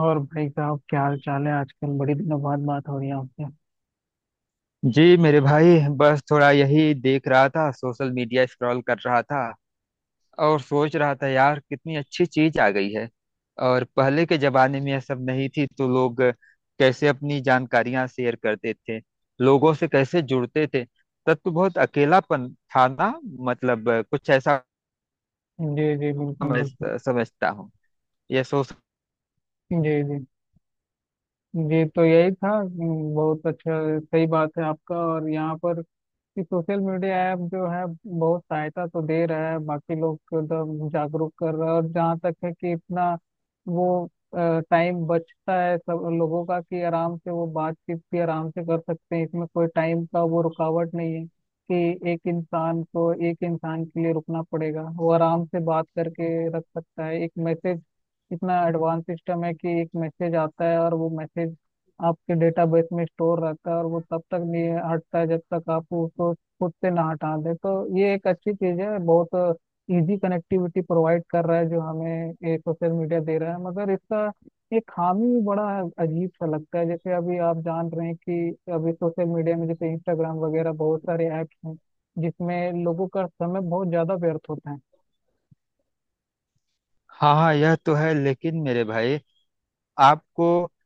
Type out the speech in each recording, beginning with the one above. और भाई साहब, क्या हाल चाल है, आजकल बड़े दिनों बाद बात हो रही है आपसे। जी मेरे भाई। बस थोड़ा यही देख रहा था, सोशल मीडिया स्क्रॉल कर रहा था। और सोच रहा था यार कितनी अच्छी चीज आ गई है। और पहले के जमाने में यह सब नहीं थी तो लोग कैसे अपनी जानकारियां शेयर करते थे, लोगों से कैसे जुड़ते थे। तब तो बहुत अकेलापन था ना। मतलब कुछ ऐसा। जी जी, बिल्कुल समझ बिल्कुल। समझता हूँ, यह सोच। जी जी। जी तो यही था, बहुत अच्छा, सही बात है आपका। और यहाँ पर कि सोशल मीडिया ऐप जो है बहुत सहायता तो दे रहा है, बाकी लोग को तो जागरूक कर रहा है। और जहाँ तक है कि इतना वो टाइम बचता है सब लोगों का कि आराम से वो बातचीत भी आराम से कर सकते हैं, इसमें कोई टाइम का वो रुकावट नहीं है कि एक इंसान को एक इंसान के लिए रुकना पड़ेगा। वो आराम से बात करके रख सकता है एक मैसेज। इतना एडवांस सिस्टम है कि एक मैसेज आता है और वो मैसेज आपके डेटाबेस में स्टोर रहता है, और वो तब तक नहीं हटता है जब तक आप उसको खुद से ना हटा दें। तो ये एक अच्छी चीज़ है, बहुत इजी कनेक्टिविटी प्रोवाइड कर रहा है जो हमें ये सोशल मीडिया दे रहा है। मगर इसका एक खामी भी बड़ा है, अजीब सा लगता है। जैसे अभी आप जान रहे हैं कि अभी सोशल मीडिया में जैसे इंस्टाग्राम वगैरह बहुत सारे ऐप्स हैं जिसमें लोगों का समय बहुत ज़्यादा व्यर्थ होता है। हाँ, हाँ, यह तो है लेकिन मेरे भाई, आपको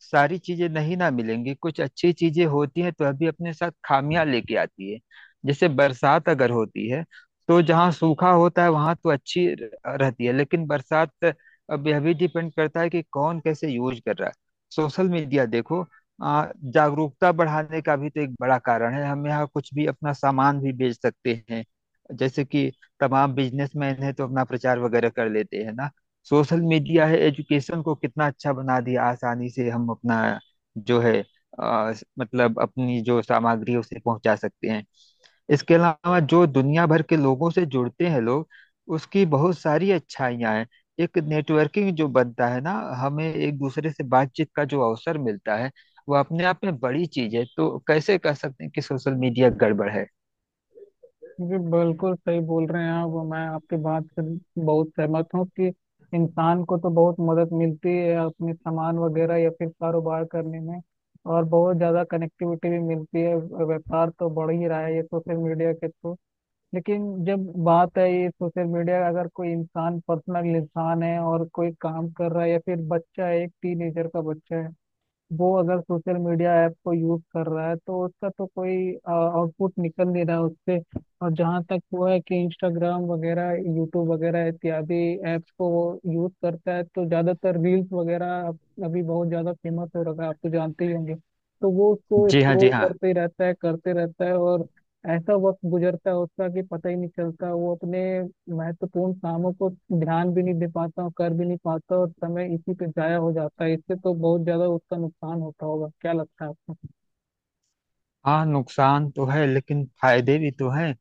सारी चीजें नहीं ना मिलेंगी। कुछ अच्छी चीजें होती हैं तो अभी अपने साथ खामियां लेके आती है। जैसे बरसात अगर होती है तो जहाँ सूखा होता है वहां तो अच्छी रहती है, लेकिन बरसात। अब यह भी डिपेंड करता है कि कौन कैसे यूज कर रहा है। सोशल मीडिया देखो, आ, जागरूकता बढ़ाने का भी तो एक बड़ा कारण है। हम यहाँ कुछ भी अपना सामान भी बेच सकते हैं। जैसे कि तमाम बिजनेसमैन है तो अपना प्रचार वगैरह कर लेते हैं ना। सोशल मीडिया है, एजुकेशन को कितना अच्छा बना दिया। आसानी से हम अपना जो है अ, मतलब अपनी जो सामग्री है उसे पहुंचा सकते हैं। इसके अलावा जो दुनिया भर के लोगों से जुड़ते हैं लोग, उसकी बहुत सारी अच्छाइयाँ हैं। एक नेटवर्किंग जो बनता है ना, हमें एक दूसरे से बातचीत का जो अवसर मिलता है, वो अपने आप में बड़ी चीज है। तो कैसे कह सकते हैं कि सोशल मीडिया गड़बड़ है। जी, बिल्कुल सही बोल रहे हैं आप। मैं आपकी बात से बहुत सहमत हूँ कि इंसान को तो बहुत मदद मिलती है अपने सामान वगैरह या फिर कारोबार करने में, और बहुत ज़्यादा कनेक्टिविटी भी मिलती है। व्यापार तो बढ़ ही रहा है ये सोशल मीडिया के थ्रू। लेकिन जब बात है ये सोशल मीडिया, अगर कोई इंसान पर्सनल इंसान है और कोई काम कर रहा है, या फिर बच्चा है, एक टीनेजर का बच्चा है, वो अगर सोशल मीडिया ऐप को यूज कर रहा है, तो उसका तो कोई आउटपुट निकल नहीं रहा उससे। और जहाँ तक वो है कि इंस्टाग्राम वगैरह, यूट्यूब वगैरह इत्यादि ऐप्स को वो यूज करता है, तो ज्यादातर रील्स वगैरह अभी बहुत ज्यादा फेमस हो रखा है, आप तो जानते ही होंगे। तो वो उसको जी हाँ, स्क्रोल जी हाँ। करते ही रहता है, करते रहता है, और ऐसा वक्त गुजरता है उसका कि पता ही नहीं चलता। वो अपने महत्वपूर्ण कामों को ध्यान भी नहीं दे पाता हूँ, कर भी नहीं पाता, और समय इसी पे जाया हो जाता है। इससे तो बहुत ज्यादा उसका नुकसान होता होगा। क्या लगता है आपको? हाँ, नुकसान तो है लेकिन फायदे भी तो हैं।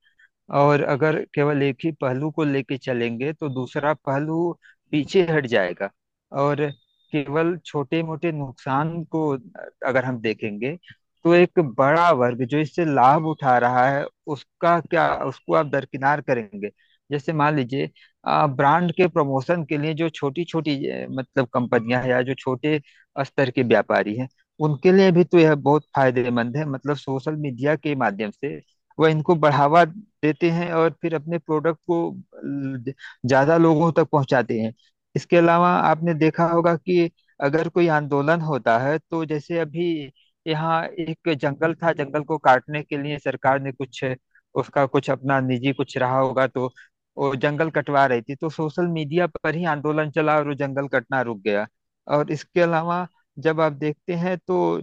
और अगर केवल एक ही पहलू को लेके चलेंगे तो दूसरा पहलू पीछे हट जाएगा। और केवल छोटे मोटे नुकसान को अगर हम देखेंगे तो एक बड़ा वर्ग जो इससे लाभ उठा रहा है, उसका क्या, उसको आप दरकिनार करेंगे। जैसे मान लीजिए, ब्रांड के प्रमोशन के लिए जो छोटी छोटी मतलब कंपनियां हैं या जो छोटे स्तर के व्यापारी हैं, उनके लिए भी तो यह बहुत फायदेमंद है। मतलब सोशल मीडिया के माध्यम से वह इनको बढ़ावा देते हैं और फिर अपने प्रोडक्ट को ल- ज्यादा लोगों तक पहुंचाते हैं। इसके अलावा आपने देखा होगा कि अगर कोई आंदोलन होता है तो जैसे अभी यहाँ एक जंगल था, जंगल को काटने के लिए सरकार ने कुछ, उसका कुछ अपना निजी कुछ रहा होगा तो वो जंगल कटवा रही थी, तो सोशल मीडिया पर ही आंदोलन चला और वो जंगल कटना रुक गया। और इसके अलावा जब आप देखते हैं तो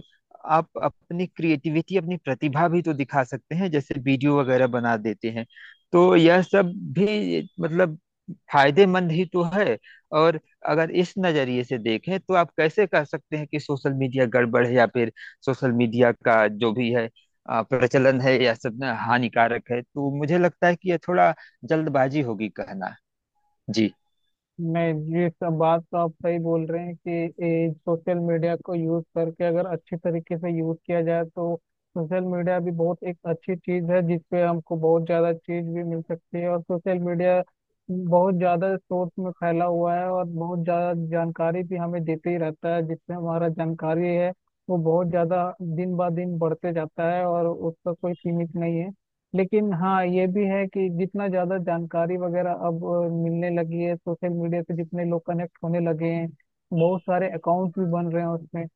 आप अपनी क्रिएटिविटी, अपनी प्रतिभा भी तो दिखा सकते हैं। जैसे वीडियो वगैरह बना देते हैं। तो यह सब भी मतलब फायदेमंद ही तो है। और अगर इस नजरिए से देखें तो आप कैसे कह सकते हैं कि सोशल मीडिया गड़बड़ है, या फिर सोशल मीडिया का जो भी है प्रचलन है या सब ना हानिकारक है। तो मुझे लगता है कि यह थोड़ा जल्दबाजी होगी कहना। जी। नहीं, ये सब बात तो आप सही बोल रहे हैं कि सोशल मीडिया को यूज करके अगर अच्छी तरीके से यूज किया जाए तो सोशल मीडिया भी बहुत एक अच्छी चीज है, जिसपे हमको बहुत ज्यादा चीज भी मिल सकती है। और सोशल मीडिया बहुत ज्यादा स्रोत में फैला हुआ है, और बहुत ज्यादा जानकारी भी हमें देते ही रहता है, जिससे हमारा जानकारी है वो बहुत ज्यादा दिन ब दिन बढ़ते जाता है, और उसका कोई सीमित नहीं है। लेकिन हाँ, ये भी है कि जितना ज्यादा जानकारी वगैरह अब मिलने लगी है सोशल मीडिया से, जितने लोग कनेक्ट होने लगे हैं, बहुत सारे अकाउंट्स भी बन रहे हैं उसमें।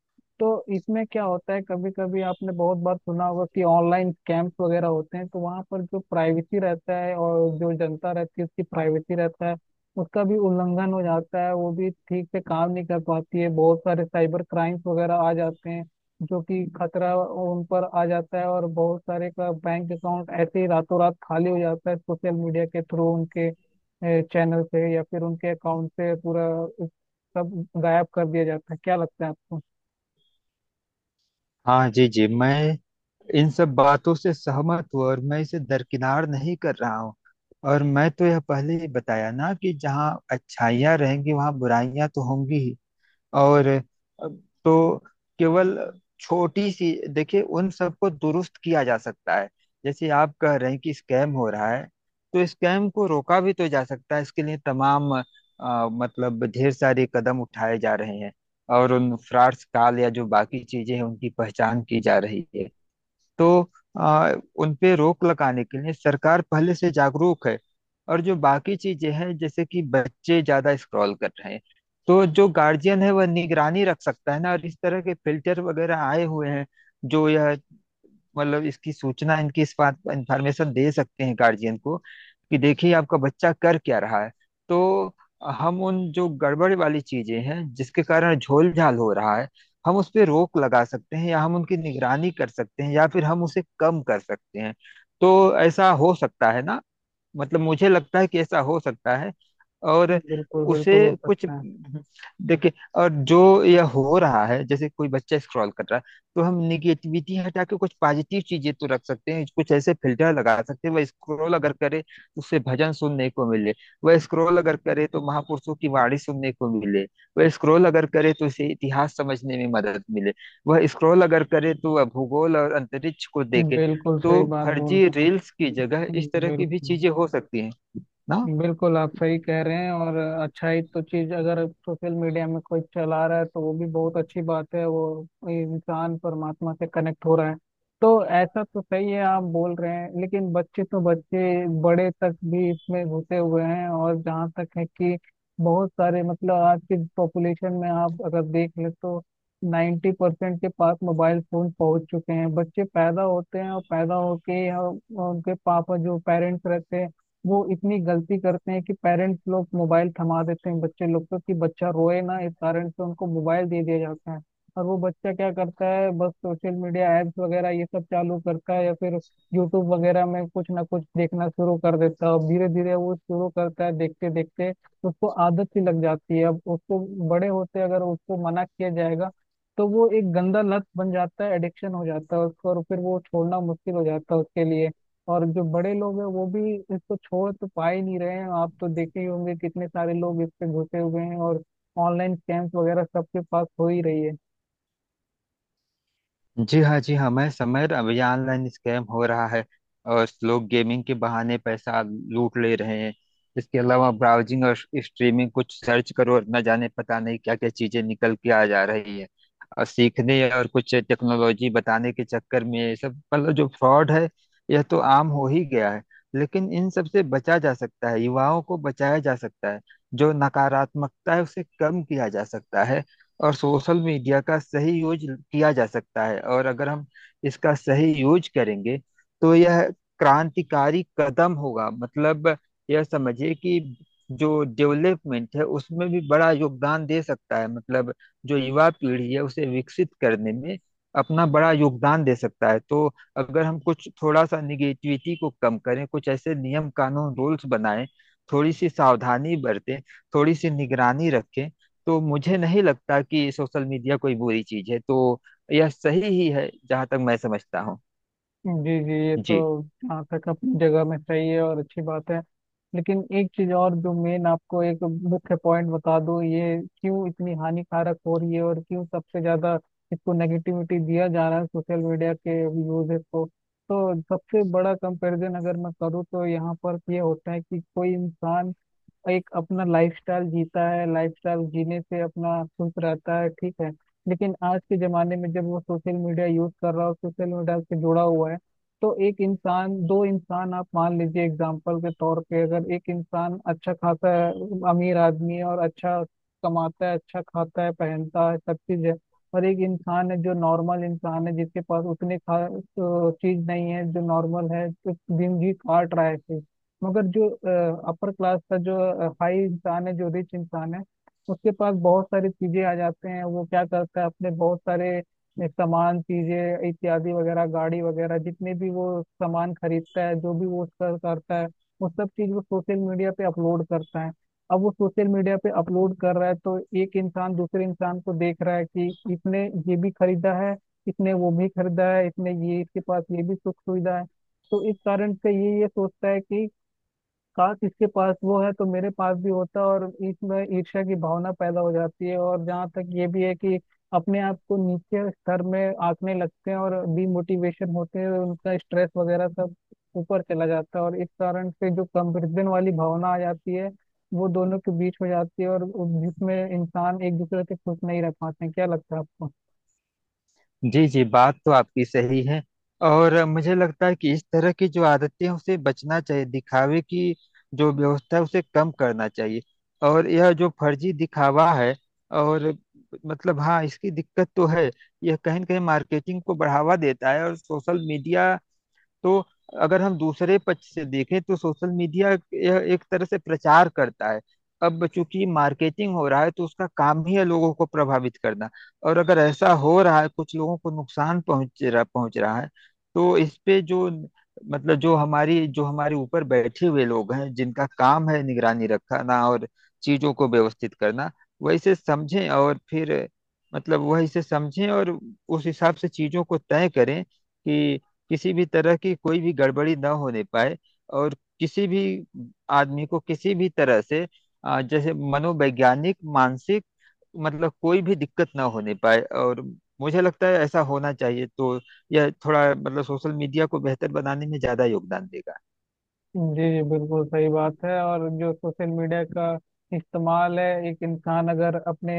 तो इसमें क्या होता है, कभी कभी आपने बहुत बार सुना होगा कि ऑनलाइन स्कैम्स वगैरह होते हैं, तो वहाँ पर जो प्राइवेसी रहता है और जो जनता रहती है उसकी प्राइवेसी रहता है, उसका भी उल्लंघन हो जाता है। वो भी ठीक से काम नहीं कर पाती है, बहुत सारे साइबर क्राइम्स वगैरह आ जाते हैं जो कि खतरा उन पर आ जाता है। और बहुत सारे का बैंक अकाउंट ऐसे ही रातों रात खाली हो जाता है सोशल मीडिया के थ्रू, उनके चैनल से या फिर उनके अकाउंट से पूरा सब गायब कर दिया जाता है। क्या लगता है आपको? हाँ, जी, जी, मैं इन सब बातों से सहमत हूँ और मैं इसे दरकिनार नहीं कर रहा हूँ। और मैं तो यह पहले ही बताया ना कि जहाँ अच्छाइयाँ रहेंगी वहाँ बुराइयाँ तो होंगी ही। और तो केवल छोटी सी, देखिए उन सबको दुरुस्त किया जा सकता है। जैसे आप कह रहे हैं कि स्कैम हो रहा है, तो स्कैम को रोका भी तो जा सकता है। इसके लिए तमाम मतलब ढेर सारे कदम उठाए जा रहे हैं। और उन फ्रॉड्स काल या जो बाकी चीजें हैं उनकी पहचान की जा रही है। तो आ, उन पे रोक लगाने के लिए सरकार पहले से जागरूक है। और जो बाकी चीजें हैं जैसे कि बच्चे ज्यादा स्क्रॉल कर रहे हैं, तो जो गार्जियन है वह निगरानी रख सकता है ना। और इस तरह के फिल्टर वगैरह आए हुए हैं जो यह मतलब इसकी सूचना, इनकी इस बात, इंफॉर्मेशन दे सकते हैं गार्जियन को कि देखिए आपका बच्चा कर क्या रहा है। तो हम उन जो गड़बड़ वाली चीजें हैं जिसके कारण झोल झाल हो रहा है, हम उस पे रोक लगा सकते हैं या हम उनकी निगरानी कर सकते हैं या फिर हम उसे कम कर सकते हैं। तो ऐसा हो सकता है ना। मतलब मुझे लगता है कि ऐसा हो सकता है। और बिल्कुल उसे बिल्कुल हो कुछ, सकता देखिए, और जो यह हो रहा है जैसे कोई बच्चा स्क्रॉल कर रहा है, तो हम निगेटिविटी हटा के कुछ पॉजिटिव चीजें तो रख सकते हैं। कुछ ऐसे फिल्टर लगा सकते हैं, वह स्क्रॉल अगर करे तो उसे भजन सुनने को मिले। वह स्क्रॉल अगर करे तो महापुरुषों की वाणी सुनने को मिले। वह स्क्रॉल अगर करे तो उसे इतिहास समझने में मदद मिले। वह स्क्रॉल अगर करे तो वह भूगोल और अंतरिक्ष को है। देखे। बिल्कुल सही तो बात बोल फर्जी रहे हैं रील्स की जगह इस आप। तरह की भी बिल्कुल चीजें हो सकती हैं ना। बिल्कुल, आप सही कह रहे हैं। और अच्छाई तो चीज, अगर सोशल मीडिया में कोई चला रहा है तो वो भी बहुत अच्छी बात है, वो इंसान परमात्मा से कनेक्ट हो रहा है। तो ऐसा तो सही है आप बोल रहे हैं, लेकिन बच्चे तो बच्चे, बड़े तक भी इसमें घुसे हुए हैं। और जहाँ तक है कि बहुत सारे मतलब आज की पॉपुलेशन में आप अगर देख लें तो 90% के पास मोबाइल फोन पहुंच चुके हैं। बच्चे पैदा होते हैं, और पैदा होके ही, उनके पापा जो पेरेंट्स रहते हैं वो इतनी गलती करते हैं कि पेरेंट्स लोग मोबाइल थमा देते हैं बच्चे लोग को कि बच्चा रोए ना, इस कारण से उनको मोबाइल दे दिया जाता है। और वो बच्चा क्या करता है, बस सोशल मीडिया एप्स वगैरह ये सब चालू करता है, या फिर यूट्यूब वगैरह में कुछ ना कुछ देखना शुरू कर देता है। और धीरे धीरे वो शुरू करता है, देखते देखते उसको आदत सी लग जाती है अब उसको। बड़े होते अगर उसको मना किया जाएगा, तो वो एक गंदा लत बन जाता है, एडिक्शन हो जाता है उसको, और फिर वो छोड़ना मुश्किल हो जाता है उसके लिए। और जो बड़े लोग हैं वो भी इसको छोड़ तो पा ही नहीं रहे हैं, आप तो देखे ही होंगे कितने सारे लोग इस पे घुसे हुए हैं, और ऑनलाइन स्कैम्स वगैरह सबके पास हो ही रही है। जी हाँ, जी हाँ, मैं समझ रहा हूँ ये ऑनलाइन स्कैम हो रहा है और लोग गेमिंग के बहाने पैसा लूट ले रहे हैं। इसके अलावा ब्राउजिंग और स्ट्रीमिंग, कुछ सर्च करो और न जाने पता नहीं क्या क्या चीजें निकल के आ जा रही है। और सीखने और कुछ टेक्नोलॉजी बताने के चक्कर में ये सब मतलब जो फ्रॉड है, यह तो आम हो ही गया है। लेकिन इन सब से बचा जा सकता है, युवाओं को बचाया जा सकता है, जो नकारात्मकता है उसे कम किया जा सकता है और सोशल मीडिया का सही यूज किया जा सकता है। और अगर हम इसका सही यूज करेंगे तो यह क्रांतिकारी कदम होगा। मतलब यह समझिए कि जो डेवलपमेंट है उसमें भी बड़ा योगदान दे सकता है। मतलब जो युवा पीढ़ी है उसे विकसित करने में अपना बड़ा योगदान दे सकता है। तो अगर हम कुछ थोड़ा सा निगेटिविटी को कम करें, कुछ ऐसे नियम कानून रूल्स बनाएं, थोड़ी सी सावधानी बरतें, थोड़ी सी निगरानी रखें, तो मुझे नहीं लगता कि सोशल मीडिया कोई बुरी चीज है। तो यह सही ही है जहां तक मैं समझता हूँ। जी जी, ये तो जी, जहाँ तक अपनी जगह में सही है और अच्छी बात है। लेकिन एक चीज और, जो मेन आपको एक मुख्य पॉइंट बता दूं, ये क्यों इतनी हानिकारक हो रही है, और क्यों सबसे ज्यादा इसको नेगेटिविटी दिया जा रहा है सोशल मीडिया के यूजेस को। तो सबसे बड़ा कंपैरिजन अगर मैं करूँ तो यहाँ पर ये होता है कि कोई इंसान एक अपना लाइफस्टाइल जीता है, लाइफस्टाइल जीने से अपना खुश रहता है, ठीक है। लेकिन आज के जमाने में जब वो सोशल मीडिया यूज कर रहा हो, सोशल मीडिया से जुड़ा हुआ है, तो एक इंसान दो इंसान आप मान लीजिए, एग्जाम्पल के तौर पे अगर एक इंसान अच्छा खाता है, अमीर आदमी है और अच्छा कमाता है, अच्छा खाता है, पहनता है, सब चीज है। और एक इंसान है जो नॉर्मल इंसान है, जिसके पास उतने खास चीज नहीं है, जो नॉर्मल है, तो दिन जी काट रहा है। मगर जो अपर क्लास का जो हाई इंसान है, जो रिच इंसान है, उसके पास बहुत सारी चीजें आ जाते हैं, वो क्या करता है अपने बहुत सारे सामान, चीजें इत्यादि वगैरह, गाड़ी वगैरह, जितने भी वो सामान खरीदता है, जो भी वो उसका करता है, वो सब चीज वो सोशल मीडिया पे अपलोड करता है। अब वो सोशल मीडिया पे अपलोड कर रहा है तो एक इंसान दूसरे इंसान को देख रहा है कि इसने ये भी खरीदा है, इसने वो भी खरीदा है, इसने ये, इसके पास ये भी सुख सुविधा है। तो इस कारण से ये सोचता है कि का, किसके पास वो है तो मेरे पास भी होता, और इसमें ईर्ष्या की भावना पैदा हो जाती है। और जहाँ तक ये भी है कि अपने आप को नीचे स्तर में आंकने लगते हैं और डिमोटिवेशन होते हैं, उनका स्ट्रेस वगैरह सब ऊपर चला जाता है। और इस कारण से जो कंपैरिजन वाली भावना आ जाती है, वो दोनों के बीच हो जाती है, और जिसमें इंसान एक दूसरे से खुश नहीं रह पाते हैं। क्या लगता है आपको? जी, जी, बात तो आपकी सही है। और मुझे लगता है कि इस तरह की जो आदतें हैं उसे बचना चाहिए, दिखावे की जो व्यवस्था है उसे कम करना चाहिए। और यह जो फर्जी दिखावा है, और मतलब हाँ, इसकी दिक्कत तो है। यह कहीं न कहीं मार्केटिंग को बढ़ावा देता है और सोशल मीडिया। तो अगर हम दूसरे पक्ष से देखें तो सोशल मीडिया यह एक तरह से प्रचार करता है। अब चूंकि मार्केटिंग हो रहा है तो उसका काम ही है लोगों को प्रभावित करना। और अगर ऐसा हो रहा है, कुछ लोगों को नुकसान पहुंच रहा है। तो इस पे जो मतलब जो हमारी, जो हमारे ऊपर बैठे हुए लोग हैं जिनका काम है निगरानी रखना और चीजों को व्यवस्थित करना, वैसे समझें और फिर मतलब वही से समझें और उस हिसाब से चीजों को तय करें कि किसी भी तरह की कोई भी गड़बड़ी ना होने पाए। और किसी भी आदमी को किसी भी तरह से जैसे मनोवैज्ञानिक, मानसिक, मतलब कोई भी दिक्कत ना होने पाए। और मुझे लगता है ऐसा होना चाहिए। तो यह थोड़ा मतलब सोशल मीडिया को बेहतर बनाने में ज्यादा योगदान देगा। जी जी, बिल्कुल सही बात है। और जो सोशल मीडिया का इस्तेमाल है, एक इंसान अगर अपने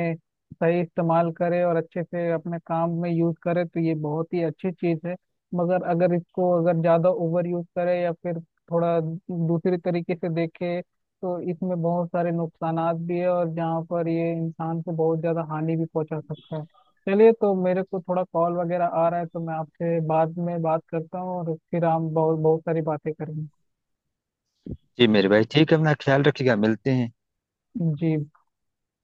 सही इस्तेमाल करे और अच्छे से अपने काम में यूज करे, तो ये बहुत ही अच्छी चीज है। मगर अगर इसको अगर ज्यादा ओवर यूज करे, या फिर थोड़ा दूसरी तरीके से देखे, तो इसमें बहुत सारे नुकसानात भी है, और जहाँ पर ये इंसान को बहुत ज्यादा हानि भी पहुंचा सकता है। चलिए, तो मेरे को थोड़ा कॉल वगैरह आ रहा है, तो मैं आपसे बाद में बात करता हूँ, और फिर हम बहुत बहुत सारी बातें करेंगे। जी मेरे भाई ठीक है, अपना ख्याल रखिएगा। मिलते हैं। जी।